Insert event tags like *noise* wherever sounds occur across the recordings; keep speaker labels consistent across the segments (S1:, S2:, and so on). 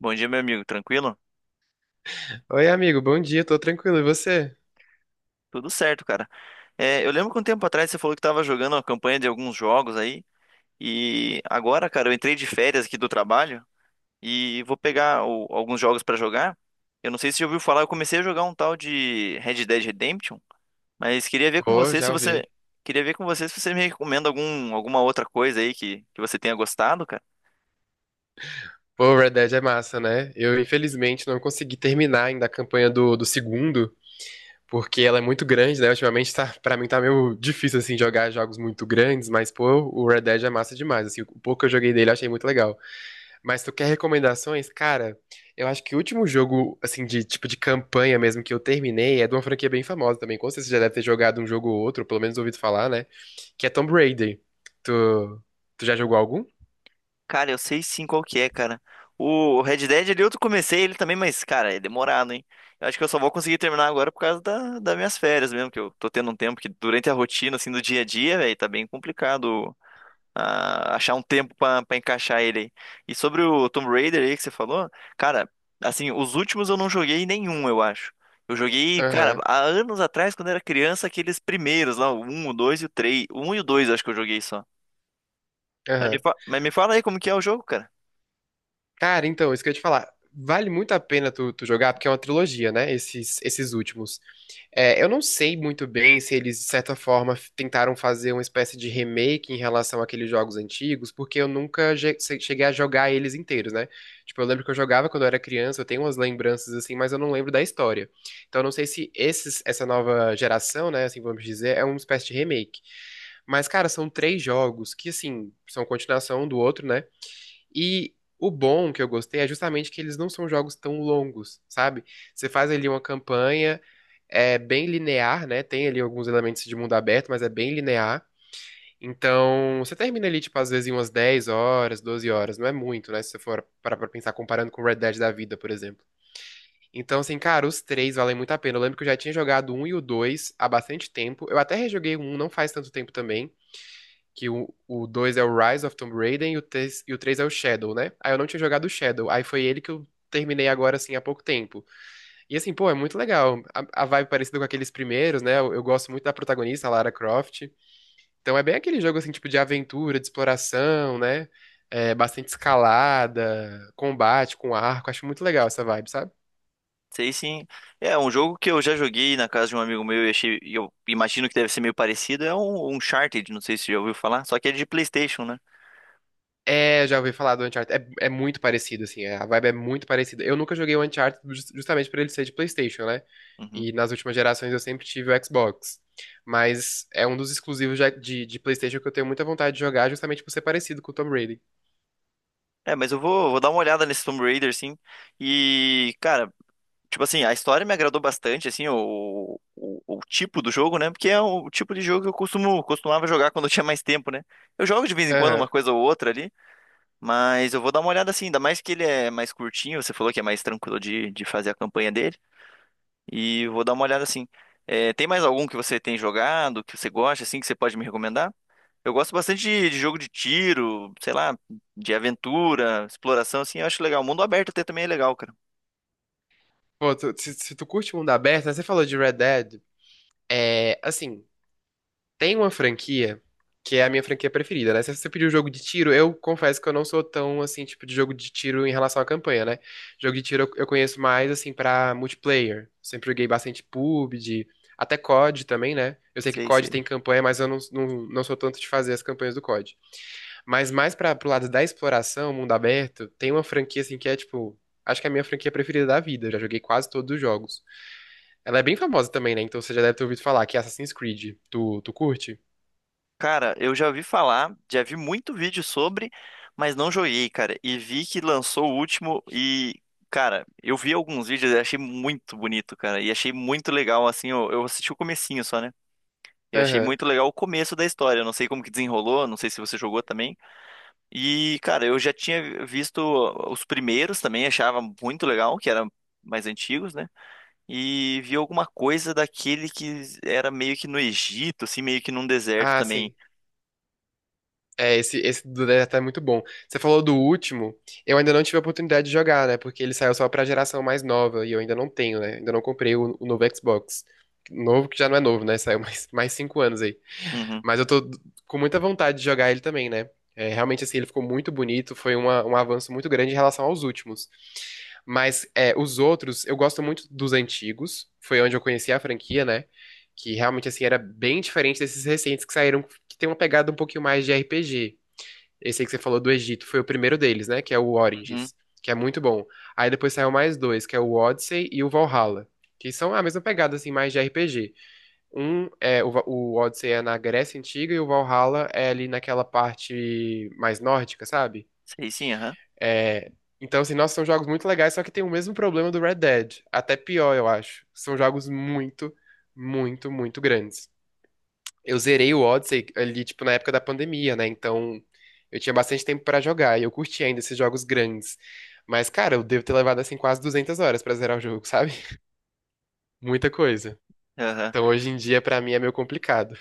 S1: Bom dia, meu amigo. Tranquilo?
S2: Oi, amigo, bom dia, tô tranquilo, e você?
S1: Tudo certo, cara. É, eu lembro que um tempo atrás você falou que estava jogando a campanha de alguns jogos aí. E agora, cara, eu entrei de férias aqui do trabalho e vou pegar alguns jogos pra jogar. Eu não sei se você já ouviu falar, eu comecei a jogar um tal de Red Dead Redemption, mas
S2: Pô, já ouvi.
S1: queria ver com você se você me recomenda alguma outra coisa aí que você tenha gostado, cara.
S2: Pô, Red Dead é massa, né? Eu, infelizmente, não consegui terminar ainda a campanha do segundo, porque ela é muito grande, né? Ultimamente, tá, pra mim, tá meio difícil, assim, jogar jogos muito grandes, mas, pô, o Red Dead é massa demais, assim, o pouco que eu joguei dele, eu achei muito legal. Mas tu quer recomendações? Cara, eu acho que o último jogo, assim, de tipo de campanha mesmo que eu terminei é de uma franquia bem famosa também. Com certeza você já deve ter jogado um jogo ou outro, ou pelo menos ouvido falar, né? Que é Tomb Raider. Tu, tu já jogou algum?
S1: Cara, eu sei sim qual que é, cara. O Red Dead ali eu comecei ele também, mas, cara, é demorado, hein? Eu acho que eu só vou conseguir terminar agora por causa das minhas férias mesmo, que eu tô tendo um tempo que durante a rotina, assim, do dia a dia, velho, tá bem complicado achar um tempo pra encaixar ele aí. E sobre o Tomb Raider aí que você falou, cara, assim, os últimos eu não joguei nenhum, eu acho. Eu joguei, cara,
S2: Aham,
S1: há anos atrás, quando era criança, aqueles primeiros lá, o 1, o 2 e o 3. O 1 e o 2 eu acho que eu joguei só.
S2: aham.
S1: Mas me fala aí como que é o jogo, cara.
S2: Cara, então, isso que eu ia te falar. Vale muito a pena tu jogar, porque é uma trilogia, né? Esses últimos. É, eu não sei muito bem se eles, de certa forma, tentaram fazer uma espécie de remake em relação àqueles jogos antigos, porque eu nunca cheguei a jogar eles inteiros, né? Tipo, eu lembro que eu jogava quando eu era criança, eu tenho umas lembranças assim, mas eu não lembro da história. Então, eu não sei se esses, essa nova geração, né, assim vamos dizer, é uma espécie de remake. Mas, cara, são três jogos que, assim, são continuação um do outro, né? E o bom que eu gostei é justamente que eles não são jogos tão longos, sabe? Você faz ali uma campanha é bem linear, né? Tem ali alguns elementos de mundo aberto, mas é bem linear. Então, você termina ali, tipo, às vezes em umas 10 horas, 12 horas, não é muito, né? Se você for parar pra pensar comparando com Red Dead da vida, por exemplo. Então, assim, cara, os três valem muito a pena. Eu lembro que eu já tinha jogado o um e o dois há bastante tempo. Eu até rejoguei o um não faz tanto tempo também, que o dois é o Rise of Tomb Raider e o três é o Shadow, né? Aí eu não tinha jogado o Shadow, aí foi ele que eu terminei agora, assim, há pouco tempo. E assim, pô, é muito legal. A vibe parecida com aqueles primeiros, né? Eu gosto muito da protagonista, a Lara Croft. Então é bem aquele jogo, assim, tipo de aventura, de exploração, né? É, bastante escalada, combate com arco. Acho muito legal essa vibe, sabe?
S1: Sei sim. É, um jogo que eu já joguei na casa de um amigo meu e achei, e eu imagino que deve ser meio parecido, é um Uncharted, não sei se você já ouviu falar, só que é de PlayStation, né?
S2: É, já ouvi falar do Uncharted. É muito parecido, assim, é, a vibe é muito parecida. Eu nunca joguei o Uncharted justamente por ele ser de PlayStation, né?
S1: Uhum.
S2: E nas últimas gerações eu sempre tive o Xbox. Mas é um dos exclusivos já de PlayStation que eu tenho muita vontade de jogar, justamente por ser parecido com o Tom Brady.
S1: É, mas eu vou dar uma olhada nesse Tomb Raider, sim. E, cara, tipo assim, a história me agradou bastante, assim, o tipo do jogo, né? Porque é o tipo de jogo que eu costumava jogar quando eu tinha mais tempo, né? Eu jogo de vez em quando uma
S2: Aham.
S1: coisa ou outra ali, mas eu vou dar uma olhada assim, ainda mais que ele é mais curtinho, você falou que é mais tranquilo de fazer a campanha dele. E vou dar uma olhada assim. É, tem mais algum que você tem jogado, que você gosta, assim, que você pode me recomendar? Eu gosto bastante de jogo de tiro, sei lá, de aventura, exploração, assim, eu acho legal. O mundo aberto até também é legal, cara.
S2: Pô, se tu curte mundo aberto, né, você falou de Red Dead. É, assim, tem uma franquia que é a minha franquia preferida, né? Se você pediu jogo de tiro, eu confesso que eu não sou tão, assim, tipo de jogo de tiro em relação à campanha, né? Jogo de tiro eu conheço mais, assim, pra multiplayer. Sempre joguei bastante PUBG, até COD também, né? Eu sei que
S1: Sei,
S2: COD
S1: sei.
S2: tem campanha, mas eu não, não, não sou tanto de fazer as campanhas do COD. Mas mais pro lado da exploração, mundo aberto, tem uma franquia, assim, que é, tipo, acho que é a minha franquia preferida da vida. Eu já joguei quase todos os jogos. Ela é bem famosa também, né? Então você já deve ter ouvido falar que é Assassin's Creed. Tu curte?
S1: Cara, eu já ouvi falar, já vi muito vídeo sobre, mas não joguei, cara. E vi que lançou o último e, cara, eu vi alguns vídeos e achei muito bonito, cara. E achei muito legal, assim, eu assisti o comecinho só, né? Eu achei
S2: Aham.
S1: muito legal o começo da história. Eu não sei como que desenrolou, não sei se você jogou também. E, cara, eu já tinha visto os primeiros também, achava muito legal, que eram mais antigos, né? E vi alguma coisa daquele que era meio que no Egito, assim, meio que num deserto
S2: Ah,
S1: também.
S2: sim. É, esse do Delta é muito bom. Você falou do último, eu ainda não tive a oportunidade de jogar, né? Porque ele saiu só pra geração mais nova e eu ainda não tenho, né? Ainda não comprei o novo Xbox. Novo que já não é novo, né? Saiu mais 5 anos aí.
S1: Uhum,
S2: Mas eu tô com muita vontade de jogar ele também, né? É, realmente, assim, ele ficou muito bonito, foi um avanço muito grande em relação aos últimos. Mas é, os outros, eu gosto muito dos antigos, foi onde eu conheci a franquia, né? Que realmente, assim, era bem diferente desses recentes que saíram, que tem uma pegada um pouquinho mais de RPG. Esse aí que você falou do Egito foi o primeiro deles, né? Que é o
S1: uhum.
S2: Origins, que é muito bom. Aí depois saiu mais dois, que é o Odyssey e o Valhalla, que são a mesma pegada, assim, mais de RPG. Um é o Odyssey, é na Grécia Antiga e o Valhalla é ali naquela parte mais nórdica, sabe?
S1: Sei sim, aham,
S2: É, então, assim, nossa, são jogos muito legais, só que tem o mesmo problema do Red Dead. Até pior, eu acho. São jogos muito, muito, muito grandes. Eu zerei o Odyssey ali, tipo, na época da pandemia, né? Então, eu tinha bastante tempo pra jogar e eu curti ainda esses jogos grandes. Mas, cara, eu devo ter levado, assim, quase 200 horas pra zerar o jogo, *laughs* sabe? Muita coisa.
S1: aham.
S2: Então, hoje em dia, pra mim, é meio complicado.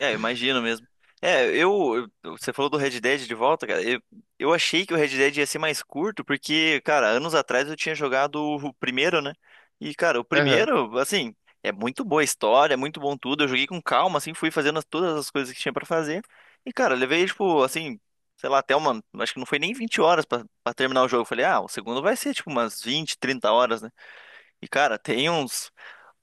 S1: É, eu imagino mesmo. É, você falou do Red Dead de volta, cara. Eu achei que o Red Dead ia ser mais curto, porque, cara, anos atrás eu tinha jogado o primeiro, né? E, cara, o
S2: Aham.
S1: primeiro, assim, é muito boa a história, é muito bom tudo. Eu joguei com calma, assim, fui fazendo todas as coisas que tinha pra fazer. E, cara, eu levei, tipo, assim, sei lá, até uma. Acho que não foi nem 20 horas pra terminar o jogo. Eu falei, ah, o segundo vai ser, tipo, umas 20, 30 horas, né? E, cara, tem uns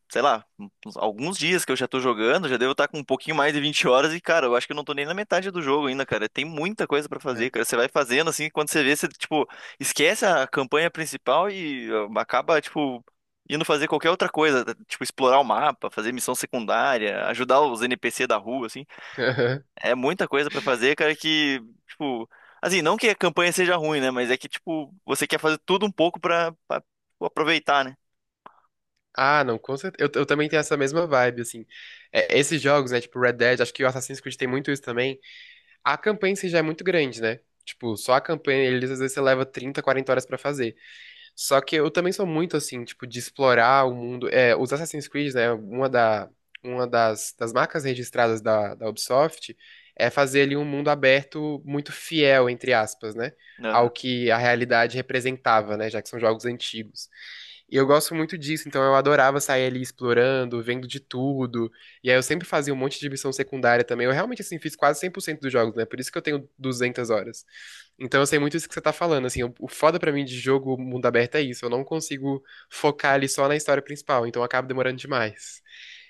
S1: sei lá, alguns dias que eu já tô jogando, já devo estar com um pouquinho mais de 20 horas e, cara, eu acho que eu não tô nem na metade do jogo ainda, cara. Tem muita coisa pra
S2: É.
S1: fazer, cara. Você vai fazendo assim, quando você vê, você, tipo, esquece a campanha principal e ah, acaba, tipo, indo fazer qualquer outra coisa, tipo, explorar o mapa, fazer missão secundária, ajudar os NPC da rua, assim.
S2: *laughs*
S1: É muita coisa pra fazer, cara, que, tipo, assim, não que a campanha seja ruim, né, mas é que, tipo, você quer fazer tudo um pouco pra, tipo, aproveitar, né?
S2: Ah, não, com certeza. Eu também tenho essa mesma vibe, assim. É, esses jogos, né, tipo Red Dead, acho que o Assassin's Creed tem muito isso também. A campanha em si já é muito grande, né? Tipo, só a campanha, eles às vezes você leva 30, 40 horas pra fazer. Só que eu também sou muito assim, tipo, de explorar o mundo. É, os Assassin's Creed, né? Uma das marcas registradas da Ubisoft é fazer ali um mundo aberto muito fiel, entre aspas, né? Ao
S1: Aham,
S2: que a realidade representava, né? Já que são jogos antigos. E eu gosto muito disso, então eu adorava sair ali explorando, vendo de tudo. E aí eu sempre fazia um monte de missão secundária também. Eu realmente, assim, fiz quase 100% dos jogos, né? Por isso que eu tenho 200 horas. Então eu sei muito isso que você tá falando, assim, o foda pra mim de jogo mundo aberto é isso, eu não consigo focar ali só na história principal, então acaba demorando demais.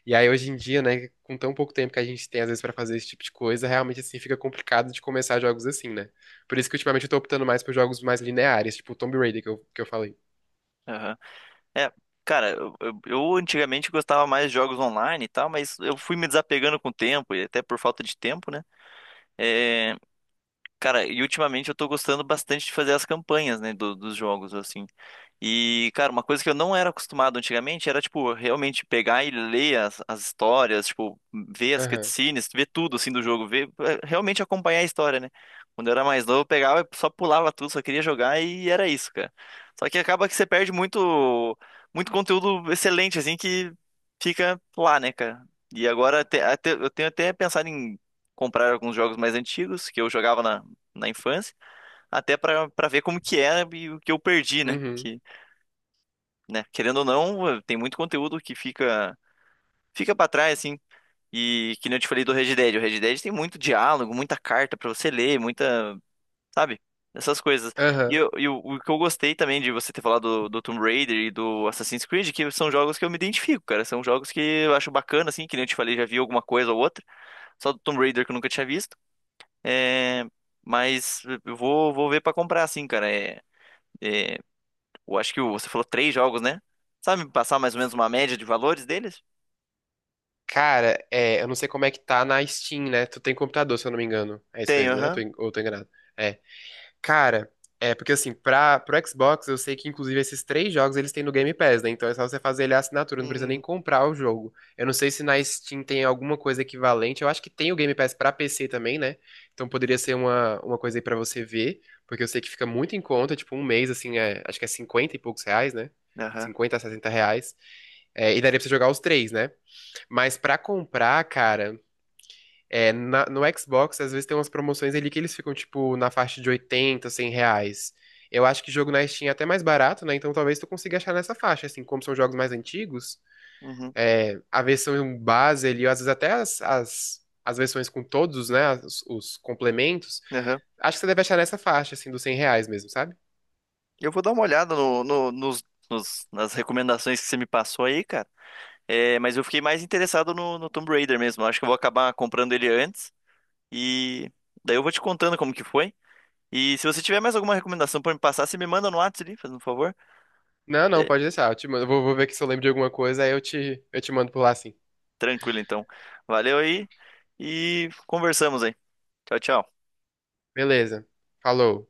S2: E aí hoje em dia, né, com tão pouco tempo que a gente tem às vezes pra fazer esse tipo de coisa, realmente assim fica complicado de começar jogos assim, né? Por isso que ultimamente eu tô optando mais por jogos mais lineares, tipo o Tomb Raider que eu falei.
S1: aham. É, cara, eu antigamente gostava mais de jogos online e tal, mas eu fui me desapegando com o tempo, e até por falta de tempo, né? É, cara, e ultimamente eu tô gostando bastante de fazer as campanhas, né, dos jogos, assim. E, cara, uma coisa que eu não era acostumado antigamente era, tipo, realmente pegar e ler as histórias, tipo, ver as
S2: Aham.
S1: cutscenes, ver tudo, assim, do jogo, ver, é, realmente acompanhar a história, né? Quando eu era mais novo, eu pegava e só pulava tudo, só queria jogar e era isso, cara. Só que acaba que você perde muito, muito conteúdo excelente, assim, que fica lá, né, cara? E agora eu tenho até pensado em comprar alguns jogos mais antigos que eu jogava na na infância, até pra para ver como que é e o que eu perdi, né?
S2: Uhum.
S1: Que, né, querendo ou não, tem muito conteúdo que fica para trás assim. E que nem eu te falei do Red Dead, o Red Dead tem muito diálogo, muita carta pra você ler, muita, sabe? Essas coisas.
S2: Aham.
S1: O que eu gostei também de você ter falado do Tomb Raider e do Assassin's Creed, que são jogos que eu me identifico, cara. São jogos que eu acho bacana, assim, que nem eu te falei, já vi alguma coisa ou outra. Só do Tomb Raider que eu nunca tinha visto. É, mas eu vou ver pra comprar, assim, cara. É, Eu acho que você falou 3 jogos, né? Sabe me passar mais ou menos uma média de valores deles?
S2: Cara, é, eu não sei como é que tá na Steam, né? Tu tem computador, se eu não me engano. É isso
S1: Tenho,
S2: mesmo, né? Eu tô
S1: aham.
S2: ou eu tô enganado? É. Cara, é porque assim, pro Xbox, eu sei que inclusive esses três jogos eles têm no Game Pass, né? Então é só você fazer ele a assinatura, não precisa nem
S1: Hum,
S2: comprar o jogo. Eu não sei se na Steam tem alguma coisa equivalente. Eu acho que tem o Game Pass pra PC também, né? Então poderia ser uma coisa aí pra você ver, porque eu sei que fica muito em conta, tipo um mês, assim, é, acho que é 50 e poucos reais, né?
S1: aham,
S2: 50 a 60 reais. É, e daria pra você jogar os três, né? Mas pra comprar, cara. É, no Xbox, às vezes tem umas promoções ali que eles ficam, tipo, na faixa de 80, 100 reais. Eu acho que jogo na Steam é até mais barato, né? Então talvez tu consiga achar nessa faixa, assim, como são jogos mais antigos,
S1: uhum,
S2: é, a versão base ali, ou às vezes até as versões com todos, né? Os complementos.
S1: aham.
S2: Acho que você deve achar nessa faixa, assim, dos 100 reais mesmo, sabe?
S1: Eu vou dar uma olhada nas recomendações que você me passou aí, cara. É, mas eu fiquei mais interessado no Tomb Raider mesmo. Eu acho que eu vou acabar comprando ele antes. E daí eu vou te contando como que foi. E se você tiver mais alguma recomendação pra me passar, você me manda no WhatsApp ali, fazendo um favor.
S2: Não, não,
S1: É,
S2: pode deixar. Eu te mando, eu vou ver aqui se eu lembro de alguma coisa, aí eu te mando por lá, assim.
S1: tranquilo, então. Valeu aí e conversamos aí. Tchau, tchau.
S2: Beleza. Falou.